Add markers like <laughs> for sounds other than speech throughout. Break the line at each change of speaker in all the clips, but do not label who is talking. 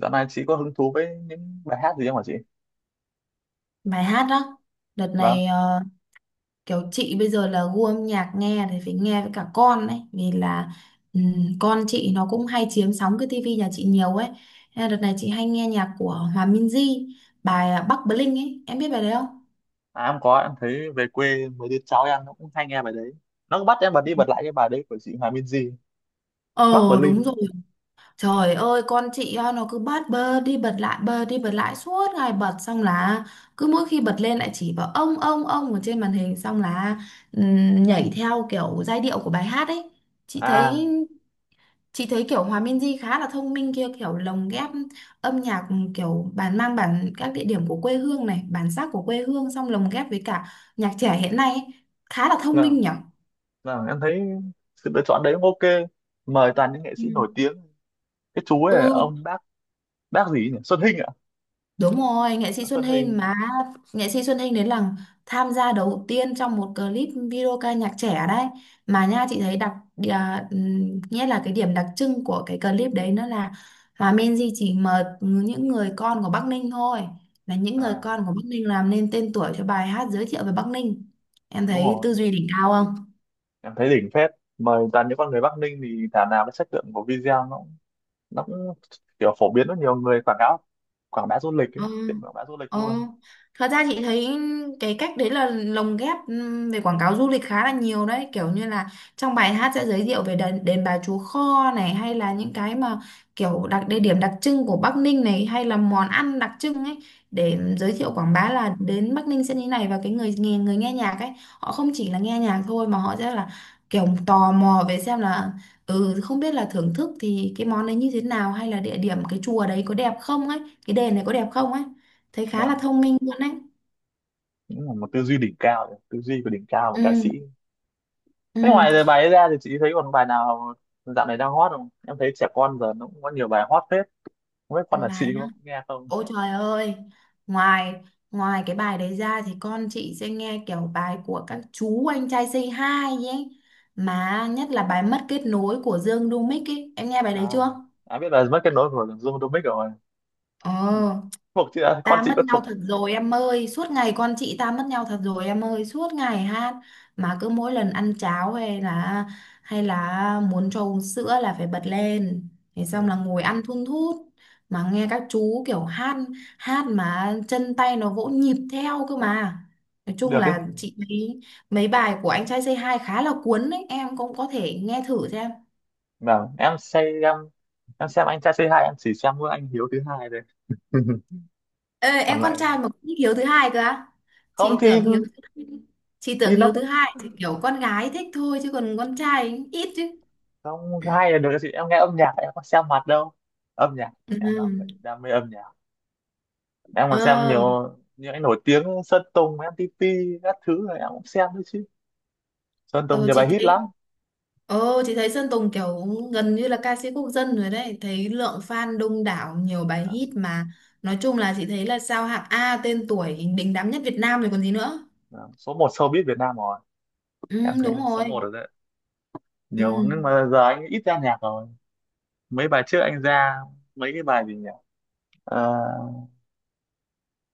Dạo này chị có hứng thú với những bài hát gì không hả chị?
Bài hát đó, đợt
Vâng.
này kiểu chị bây giờ là gu âm nhạc nghe thì phải nghe với cả con ấy vì là con chị nó cũng hay chiếm sóng cái tivi nhà chị nhiều ấy. Nên là đợt này chị hay nghe nhạc của Hòa Minzy, bài Bắc Bling ấy, em biết bài đấy không?
À, em có. Em thấy về quê mấy đứa cháu em nó cũng hay nghe bài đấy. Nó cứ bắt em bật đi bật lại cái bài đấy của chị Hòa Minzy.
ờ
Bắc
Đúng
Berlin.
rồi, trời ơi con chị à, nó cứ bắt bơ đi bật lại suốt ngày, bật xong là cứ mỗi khi bật lên lại chỉ vào ông ở trên màn hình, xong là nhảy theo kiểu giai điệu của bài hát ấy. chị thấy
À.
Chị thấy kiểu Hòa Minzy khá là thông minh kia, kiểu lồng ghép âm nhạc, kiểu bản các địa điểm của quê hương này, bản sắc của quê hương, xong lồng ghép với cả nhạc trẻ hiện nay ấy. Khá là thông
Vâng,
minh nhở.
vâng, em thấy sự lựa chọn đấy cũng ok, mời toàn những nghệ
Ừ.
sĩ nổi tiếng. Cái chú ấy là
Ừ.
ông bác gì ấy nhỉ? Xuân Hinh ạ?
Đúng rồi, nghệ sĩ
À?
Xuân
Xuân
Hinh
Hinh.
mà, nghệ sĩ Xuân Hinh đến là tham gia đầu tiên trong một clip video ca nhạc trẻ đấy. Mà nha chị thấy nghĩa là cái điểm đặc trưng của cái clip đấy nó là Hòa Minzy chỉ mời những người con của Bắc Ninh thôi. Là những người
À,
con của Bắc Ninh làm nên tên tuổi cho bài hát giới thiệu về Bắc Ninh. Em
đúng
thấy
rồi.
tư duy đỉnh cao.
Em thấy đỉnh phết, mời toàn những con người Bắc Ninh thì thảo nào cái chất lượng của video nó cũng kiểu phổ biến rất nhiều người quảng cáo, quảng bá du lịch ấy,
Ờ,
tiện quảng bá du lịch
ờ.
luôn.
Thật ra chị thấy cái cách đấy là lồng ghép về quảng cáo du lịch khá là nhiều đấy, kiểu như là trong bài hát sẽ giới thiệu về đền Bà Chúa Kho này, hay là những cái mà kiểu địa điểm đặc trưng của Bắc Ninh này, hay là món ăn đặc trưng ấy, để giới thiệu quảng
Vâng.
bá là đến Bắc Ninh sẽ như thế này. Và cái người nghe nhạc ấy, họ không chỉ là nghe nhạc thôi mà họ sẽ là kiểu tò mò về xem là ừ không biết là thưởng thức thì cái món đấy như thế nào, hay là địa điểm cái chùa đấy có đẹp không ấy, cái đèn này có đẹp không ấy. Thấy khá là
Vâng,
thông minh luôn đấy.
cũng là một tư duy đỉnh cao, tư duy của đỉnh cao của ca sĩ.
Ừ.
Thế
Ừ.
ngoài giờ bài ấy ra thì chị thấy còn bài nào dạo này đang hot không? Em thấy trẻ con giờ nó cũng có nhiều bài hot phết, không biết con là
Bài
chị
đó.
có nghe không.
Ôi trời ơi, ngoài ngoài cái bài đấy ra thì con chị sẽ nghe kiểu bài của các chú anh trai Say Hi ấy, mà nhất là bài mất kết nối của Dương Đu Mích ấy, em nghe bài đấy
À,
chưa?
à, biết là mất kết nối của Dương Domic rồi.
Ờ.
Thuộc chị à, con
Ta
chị
mất
có
nhau
thuộc.
thật rồi em ơi, suốt ngày con chị, ta mất nhau thật rồi em ơi, suốt ngày hát, mà cứ mỗi lần ăn cháo hay là muốn cho uống sữa là phải bật lên. Thế xong là
Hiểu.
ngồi ăn thun thút mà nghe các chú kiểu hát, hát mà chân tay nó vỗ nhịp theo cơ mà. Nói chung
Được cái gì?
là chị thấy mấy bài của anh trai Say Hi khá là cuốn đấy, em cũng có thể nghe thử xem.
Vâng, em xem anh trai c hai, em chỉ xem mỗi anh Hiếu thứ hai thôi.
Ê,
<laughs>
em
Còn
con
lại
trai mà cũng thích Hiếu thứ hai cơ á?
không
chị
thì
tưởng hiếu thứ chị tưởng
thì
Hiếu
nó
thứ
cũng
hai thì kiểu con gái thích thôi chứ còn con trai ít chứ.
không, hay là được chị, em nghe âm nhạc em có xem mặt đâu. Âm nhạc.
Ừ.
Em là người đam mê âm nhạc. Em còn xem
ờ
nhiều những cái nổi tiếng Sơn Tùng Em MTP, các thứ này em cũng xem đấy chứ. Sơn Tùng
ờ,
nhiều bài
chị
hit
thấy,
lắm.
chị thấy Sơn Tùng kiểu gần như là ca sĩ quốc dân rồi đấy, thấy lượng fan đông đảo, nhiều bài
Đó,
hit mà. Nói chung là chị thấy là sao hạng A, tên tuổi đình đám nhất Việt Nam rồi còn gì nữa.
đó. Số một showbiz Việt Nam rồi.
Ừ,
Em thấy
đúng
là số một
rồi.
rồi đấy. Nhiều nhưng
Ừ.
mà giờ anh ít ra nhạc rồi. Mấy bài trước anh ra, mấy cái bài gì nhỉ? Ờ,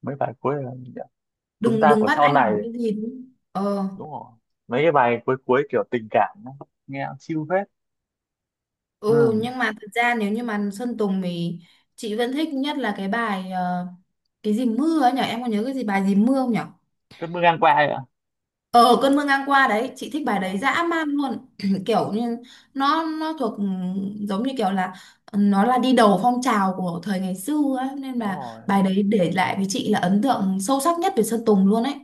mấy bài cuối là gì nhỉ? Chúng
Đừng
ta
đừng
của
bắt
sau
anh làm
này,
cái gì đúng. Ờ
đúng rồi. Mấy cái bài cuối cuối kiểu tình cảm ấy, nghe chill hết. Ừ.
Ừ nhưng mà thật ra nếu như mà Sơn Tùng thì chị vẫn thích nhất là cái bài cái gì mưa ấy nhở, em có nhớ cái gì bài gì mưa không nhở?
Cơn mưa ngang qua ấy ạ.
Ờ, cơn mưa ngang qua đấy, chị thích bài
Ờ,
đấy dã man luôn <clears throat> kiểu như nó thuộc giống như kiểu là nó là đi đầu phong trào của thời ngày xưa ấy, nên
đúng
là
rồi.
bài đấy để lại với chị là ấn tượng sâu sắc nhất về Sơn Tùng luôn ấy.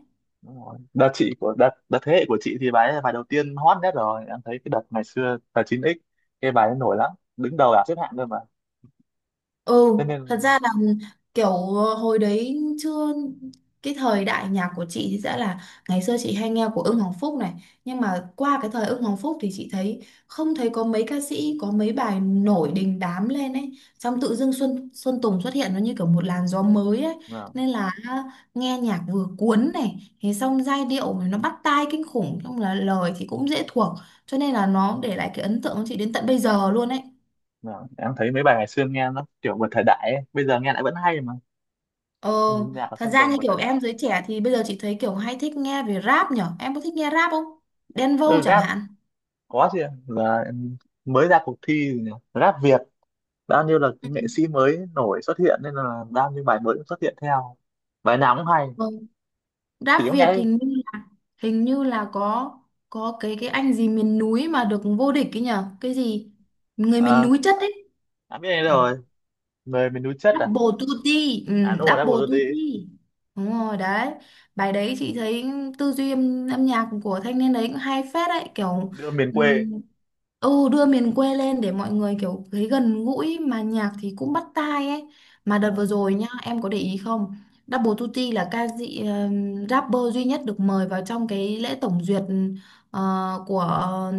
Đúng rồi. Đợt chị của đợt đợt thế hệ của chị thì bài ấy bài đầu tiên hot nhất rồi. Em thấy cái đợt ngày xưa là 9x, cái bài ấy nổi lắm, đứng đầu bảng xếp hạng cơ mà.
Ừ,
Thế
thật
nên
ra là kiểu hồi đấy chưa, cái thời đại nhạc của chị thì sẽ là ngày xưa chị hay nghe của Ưng Hoàng Phúc này, nhưng mà qua cái thời Ưng Hoàng Phúc thì chị thấy không thấy có mấy ca sĩ có mấy bài nổi đình đám lên ấy, xong tự dưng Xuân Xuân Tùng xuất hiện nó như kiểu một làn gió mới ấy,
à,
nên là nghe nhạc vừa cuốn này, thế xong giai điệu nó bắt tai kinh khủng, xong là lời thì cũng dễ thuộc, cho nên là nó để lại cái ấn tượng của chị đến tận bây giờ luôn ấy.
à, em thấy mấy bài ngày xưa nghe nó kiểu vượt thời đại ấy. Bây giờ nghe lại vẫn hay mà.
Ờ,
Ừ, nhạc của
thật
Sơn
ra
Tùng
như
vượt
kiểu
thời đại.
em giới trẻ thì bây giờ chị thấy kiểu hay thích nghe về rap nhở. Em có thích nghe rap không? Đen Vâu
Ừ,
chẳng
rap,
hạn.
có chứ. Là em mới ra cuộc thi gì nhỉ? Rap Việt, bao nhiêu là
Ừ.
nghệ sĩ mới nổi xuất hiện nên là bao nhiêu bài mới cũng xuất hiện theo. Bài nào cũng hay.
Vâng.
Chỉ
Rap
có
Việt
nghe.
hình như là có cái anh gì miền núi mà được vô địch ấy nhở. Cái gì? Người miền
À,
núi chất ấy.
đã biết đây rồi. Người miền núi chất à.
Double Duty. ừ,
À, đúng rồi đã
Double
vừa rồi đi.
Duty, đúng rồi đấy. Bài đấy chị thấy tư duy âm nhạc của thanh niên đấy cũng hay phết đấy,
Vâng,
kiểu
đưa miền quê.
ừm, đưa miền quê lên để mọi người kiểu thấy gần gũi, mà nhạc thì cũng bắt tai ấy. Mà đợt vừa
Vâng.
rồi nhá, em có để ý không? Double Tutti là ca sĩ rapper duy nhất được mời vào trong cái lễ tổng duyệt ờ, của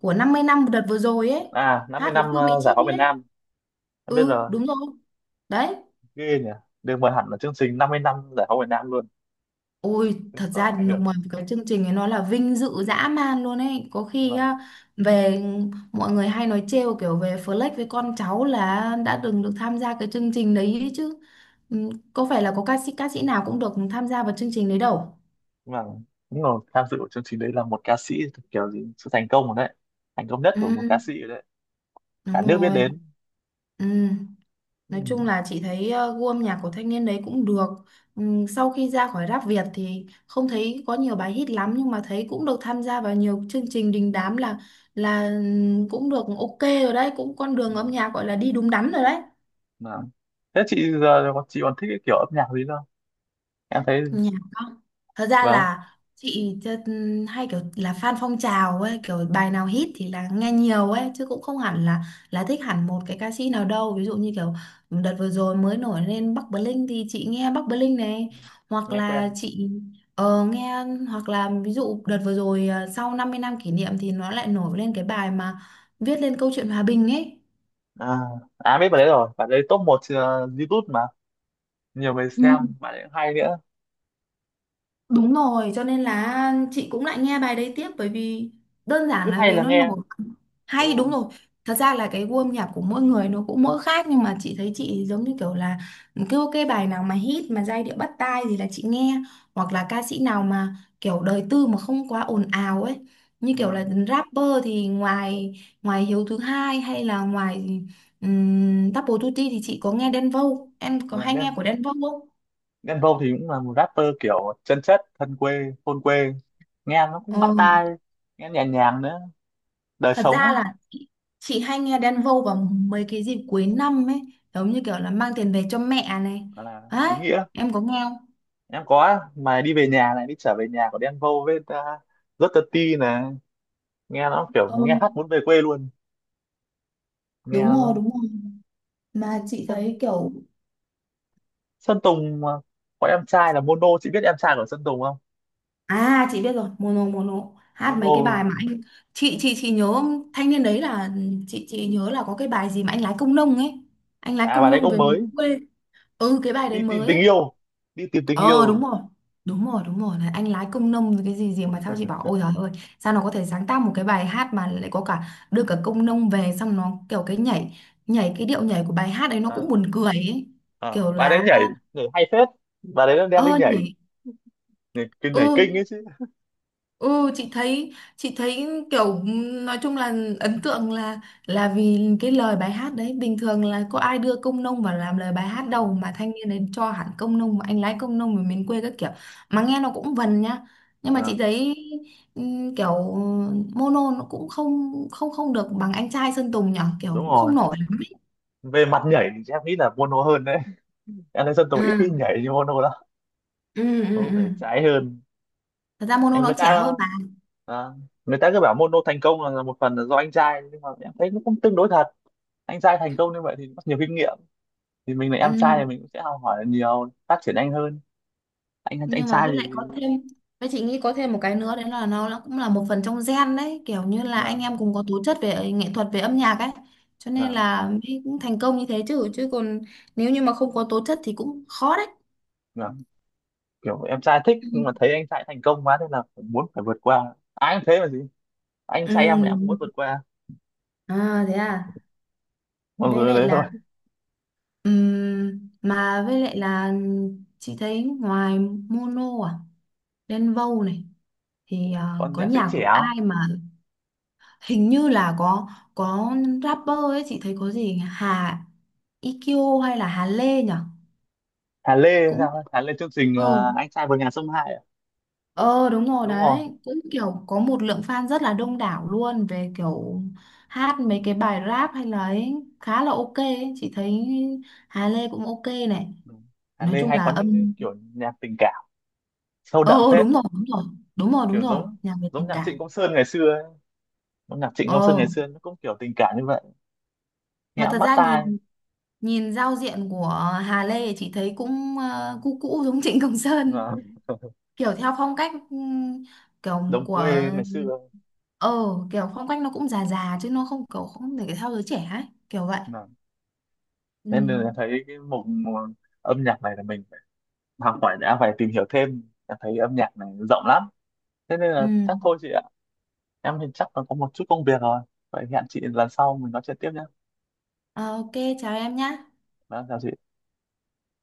của 50 năm đợt vừa rồi ấy,
À, năm mươi
hát với
năm
Phương Mỹ
giải phóng
Chi
miền
ấy.
Nam. Em biết
Ừ,
rồi.
đúng rồi đấy.
Ghê nhỉ, được mời hẳn là chương trình 50 năm giải phóng miền Nam luôn.
Ôi, thật
Chứng
ra
tỏ ảnh
nó
hưởng
ngoài cái chương trình ấy nó là vinh dự dã man luôn ấy. Có khi
mà.
á, về mọi người hay nói trêu kiểu về Flex với con cháu là đã từng được tham gia cái chương trình đấy ấy chứ. Ừ, có phải là có ca sĩ nào cũng được tham gia vào chương trình đấy đâu.
Mà đúng rồi, tham dự của chương trình đấy là một ca sĩ, kiểu gì sự thành công rồi đấy, thành công nhất của một
Ừ,
ca sĩ rồi đấy. Cả
đúng
nước biết
rồi.
đến.
Ừ.
Ừ.
Nói chung là chị thấy gu âm nhạc của thanh niên đấy cũng được. Sau khi ra khỏi rap Việt thì không thấy có nhiều bài hit lắm, nhưng mà thấy cũng được tham gia vào nhiều chương trình đình đám, là cũng được ok rồi đấy, cũng con đường âm
Mà,
nhạc gọi là đi đúng đắn rồi đấy.
mà. Thế chị giờ chị còn thích cái kiểu âm nhạc gì không? Em thấy.
Nhạc không, thật ra
Vâng,
là chị chơ- hay kiểu là fan phong trào ấy, kiểu bài nào hit thì là nghe nhiều ấy chứ cũng không hẳn là thích hẳn một cái ca sĩ nào đâu. Ví dụ như kiểu đợt vừa rồi mới nổi lên Bắc Bling thì chị nghe Bắc Bling này, hoặc
nghe quen.
là chị nghe, hoặc là ví dụ đợt vừa rồi sau 50 năm kỷ niệm thì nó lại nổi lên cái bài mà viết lên câu chuyện hòa bình
À, à, biết bài đấy rồi, bài đấy top 1 YouTube mà, nhiều người
ấy.
xem bài đấy cũng hay nữa.
Đúng rồi, cho nên là chị cũng lại nghe bài đấy tiếp, bởi vì đơn giản
Cứ
là
hay
vì
là
nó
nghe,
nổi,
đúng
hay, đúng
rồi.
rồi. Thật ra là cái gu âm nhạc của mỗi người nó cũng mỗi khác, nhưng mà chị thấy chị giống như kiểu là cứ cái bài nào mà hit mà giai điệu bắt tai thì là chị nghe, hoặc là ca sĩ nào mà kiểu đời tư mà không quá ồn ào ấy. Như kiểu là
Vâng.
rapper thì ngoài ngoài Hiếu thứ hai, hay là ngoài Double Duty thì chị có nghe Đen Vâu. Em có
Ờ,
hay nghe
Đen.
của Đen Vâu
Đen Vâu thì cũng là một rapper kiểu chân chất thân quê thôn quê, nghe nó cũng bắt
không?
tai, nghe nhẹ nhàng nữa. Đời
Thật
sống
ra
ấy
là chị, chị hay nghe Đen Vâu vào mấy cái dịp cuối năm ấy, giống như kiểu là mang tiền về cho mẹ này.
là ý
Đấy,
nghĩa.
em có nghe không?
Em có mà, đi về nhà này, đi trở về nhà của Đen Vâu với rất tự ti này, nghe nó kiểu
Ờ,
nghe hát muốn về quê luôn. Nghe
đúng
nó.
rồi, đúng rồi. Mà chị
Sơn
thấy kiểu
Sơn Tùng mà. Có em trai là Mono, chị biết em trai của Sơn Tùng không?
à, chị biết rồi, Mono. Mono hát mấy cái bài
Mono.
mà anh, chị nhớ, thanh niên đấy là chị nhớ là có cái bài gì mà anh lái công nông ấy. Anh lái
À, bà
công
đấy
nông
cũng
về
mới
miền quê. Ừ cái bài đấy
đi tìm
mới
tình
ấy.
yêu, đi tìm tình
Ờ
yêu.
đúng rồi, đúng rồi đúng rồi. Này, anh lái công nông rồi cái gì gì mà, sao chị bảo ôi trời ơi, sao nó có thể sáng tác một cái bài hát mà lại có cả đưa cả công nông về. Xong nó kiểu cái nhảy, nhảy cái điệu nhảy của bài hát ấy, nó cũng
À,
buồn cười ấy.
à,
Kiểu
bà
là
đấy nhảy, nhảy hay phết, bà đấy đem đi
ơ
nhảy,
nhảy.
nhảy, cái
Ừ.
nhảy kinh ấy chứ.
Ừ chị thấy, chị thấy kiểu nói chung là ấn tượng là vì cái lời bài hát đấy bình thường là có ai đưa công nông vào làm lời bài hát
Ờ,
đâu, mà thanh niên đấy cho hẳn công nông, anh lái công nông ở miền quê các kiểu, mà nghe nó cũng vần nhá. Nhưng mà chị
à,
thấy kiểu Mono nó cũng không không không được bằng anh trai Sơn Tùng nhở, kiểu
đúng
cũng
rồi.
không nổi lắm ấy.
Về mặt nhảy thì em nghĩ là Bono hơn đấy. <laughs> Anderson Tùng ít
Ừ,
khi nhảy như Bono lắm.
ừ, ừ,
Bono
ừ.
nhảy trái hơn.
Thật ra Mono
Anh
nó
người
trẻ
ta.
hơn mà.
À, người ta cứ bảo Bono thành công là một phần là do anh trai, nhưng mà em thấy nó cũng tương đối thật. Anh trai thành công như vậy thì có nhiều kinh nghiệm, thì mình là em
Ừ.
trai thì mình cũng sẽ học hỏi nhiều, phát triển nhanh hơn. anh anh
Nhưng mà
trai
với
thì
lại có thêm, với chị nghĩ có thêm một cái nữa đấy là nó cũng là một phần trong gen đấy, kiểu như là
mà,
anh em cùng có tố chất về nghệ thuật về âm nhạc ấy, cho nên
mà,
là mới cũng thành công như thế, chứ chứ còn nếu như mà không có tố chất thì cũng khó đấy.
mà, kiểu em trai thích nhưng mà
Ừ.
thấy anh trai thành công quá nên là phải muốn, phải vượt qua, ai cũng thế mà gì. Anh trai em thì em cũng muốn
Ừ.
vượt qua
À, thế à,
mọi
với
người
lại
đấy
là
thôi.
mà với lại là chị thấy ngoài Mono, à Đen Vâu này, thì à,
Con
có
nhạc sẽ
nhạc
trẻ
của
không?
ai mà hình như là có rapper ấy, chị thấy có gì nhỉ? Hà IQ hay là Hà Lê nhỉ,
Hà Lê, hay
cũng
sao Hà Lê chương trình
ừ,
anh trai vượt ngàn sông Hai à?
ờ đúng rồi
Đúng rồi.
đấy, cũng kiểu có một lượng fan rất là đông đảo luôn về kiểu hát
Ừ.
mấy cái bài rap hay là ấy, khá là ok ấy. Chị thấy Hà Lê cũng ok này,
Ừ. Hà
nói
Lê
chung
hay
là
có những cái kiểu nhạc tình cảm sâu đậm phết,
đúng rồi, đúng rồi, đúng rồi, đúng
kiểu
rồi,
giống,
nhạc về
giống
tình
nhạc
cảm.
Trịnh Công Sơn ngày xưa ấy. Giống nhạc Trịnh Công Sơn
ờ
ngày xưa nó cũng kiểu tình cảm như vậy, nghe
mà
cũng
thật
bắt
ra
tai.
nhìn, nhìn giao diện của Hà Lê thì chị thấy cũng cũ cũ giống Trịnh Công Sơn,
Và <laughs>
kiểu theo phong cách kiểu
đồng
của
quê ngày xưa.
ờ kiểu phong cách nó cũng già già chứ nó không kiểu không để theo giới trẻ ấy, kiểu vậy.
Mà-
Ừ.
Nên là em thấy cái mục mục âm nhạc này là mình phải học hỏi đã, phải tìm hiểu thêm. Em thấy âm nhạc này rộng lắm, thế nên
Ừ.
là chắc thôi chị ạ. Em thì chắc là có một chút công việc rồi, vậy hẹn chị lần sau mình nói chuyện tiếp nhé.
Ờ, ok, chào em nhá.
Vâng, chào chị.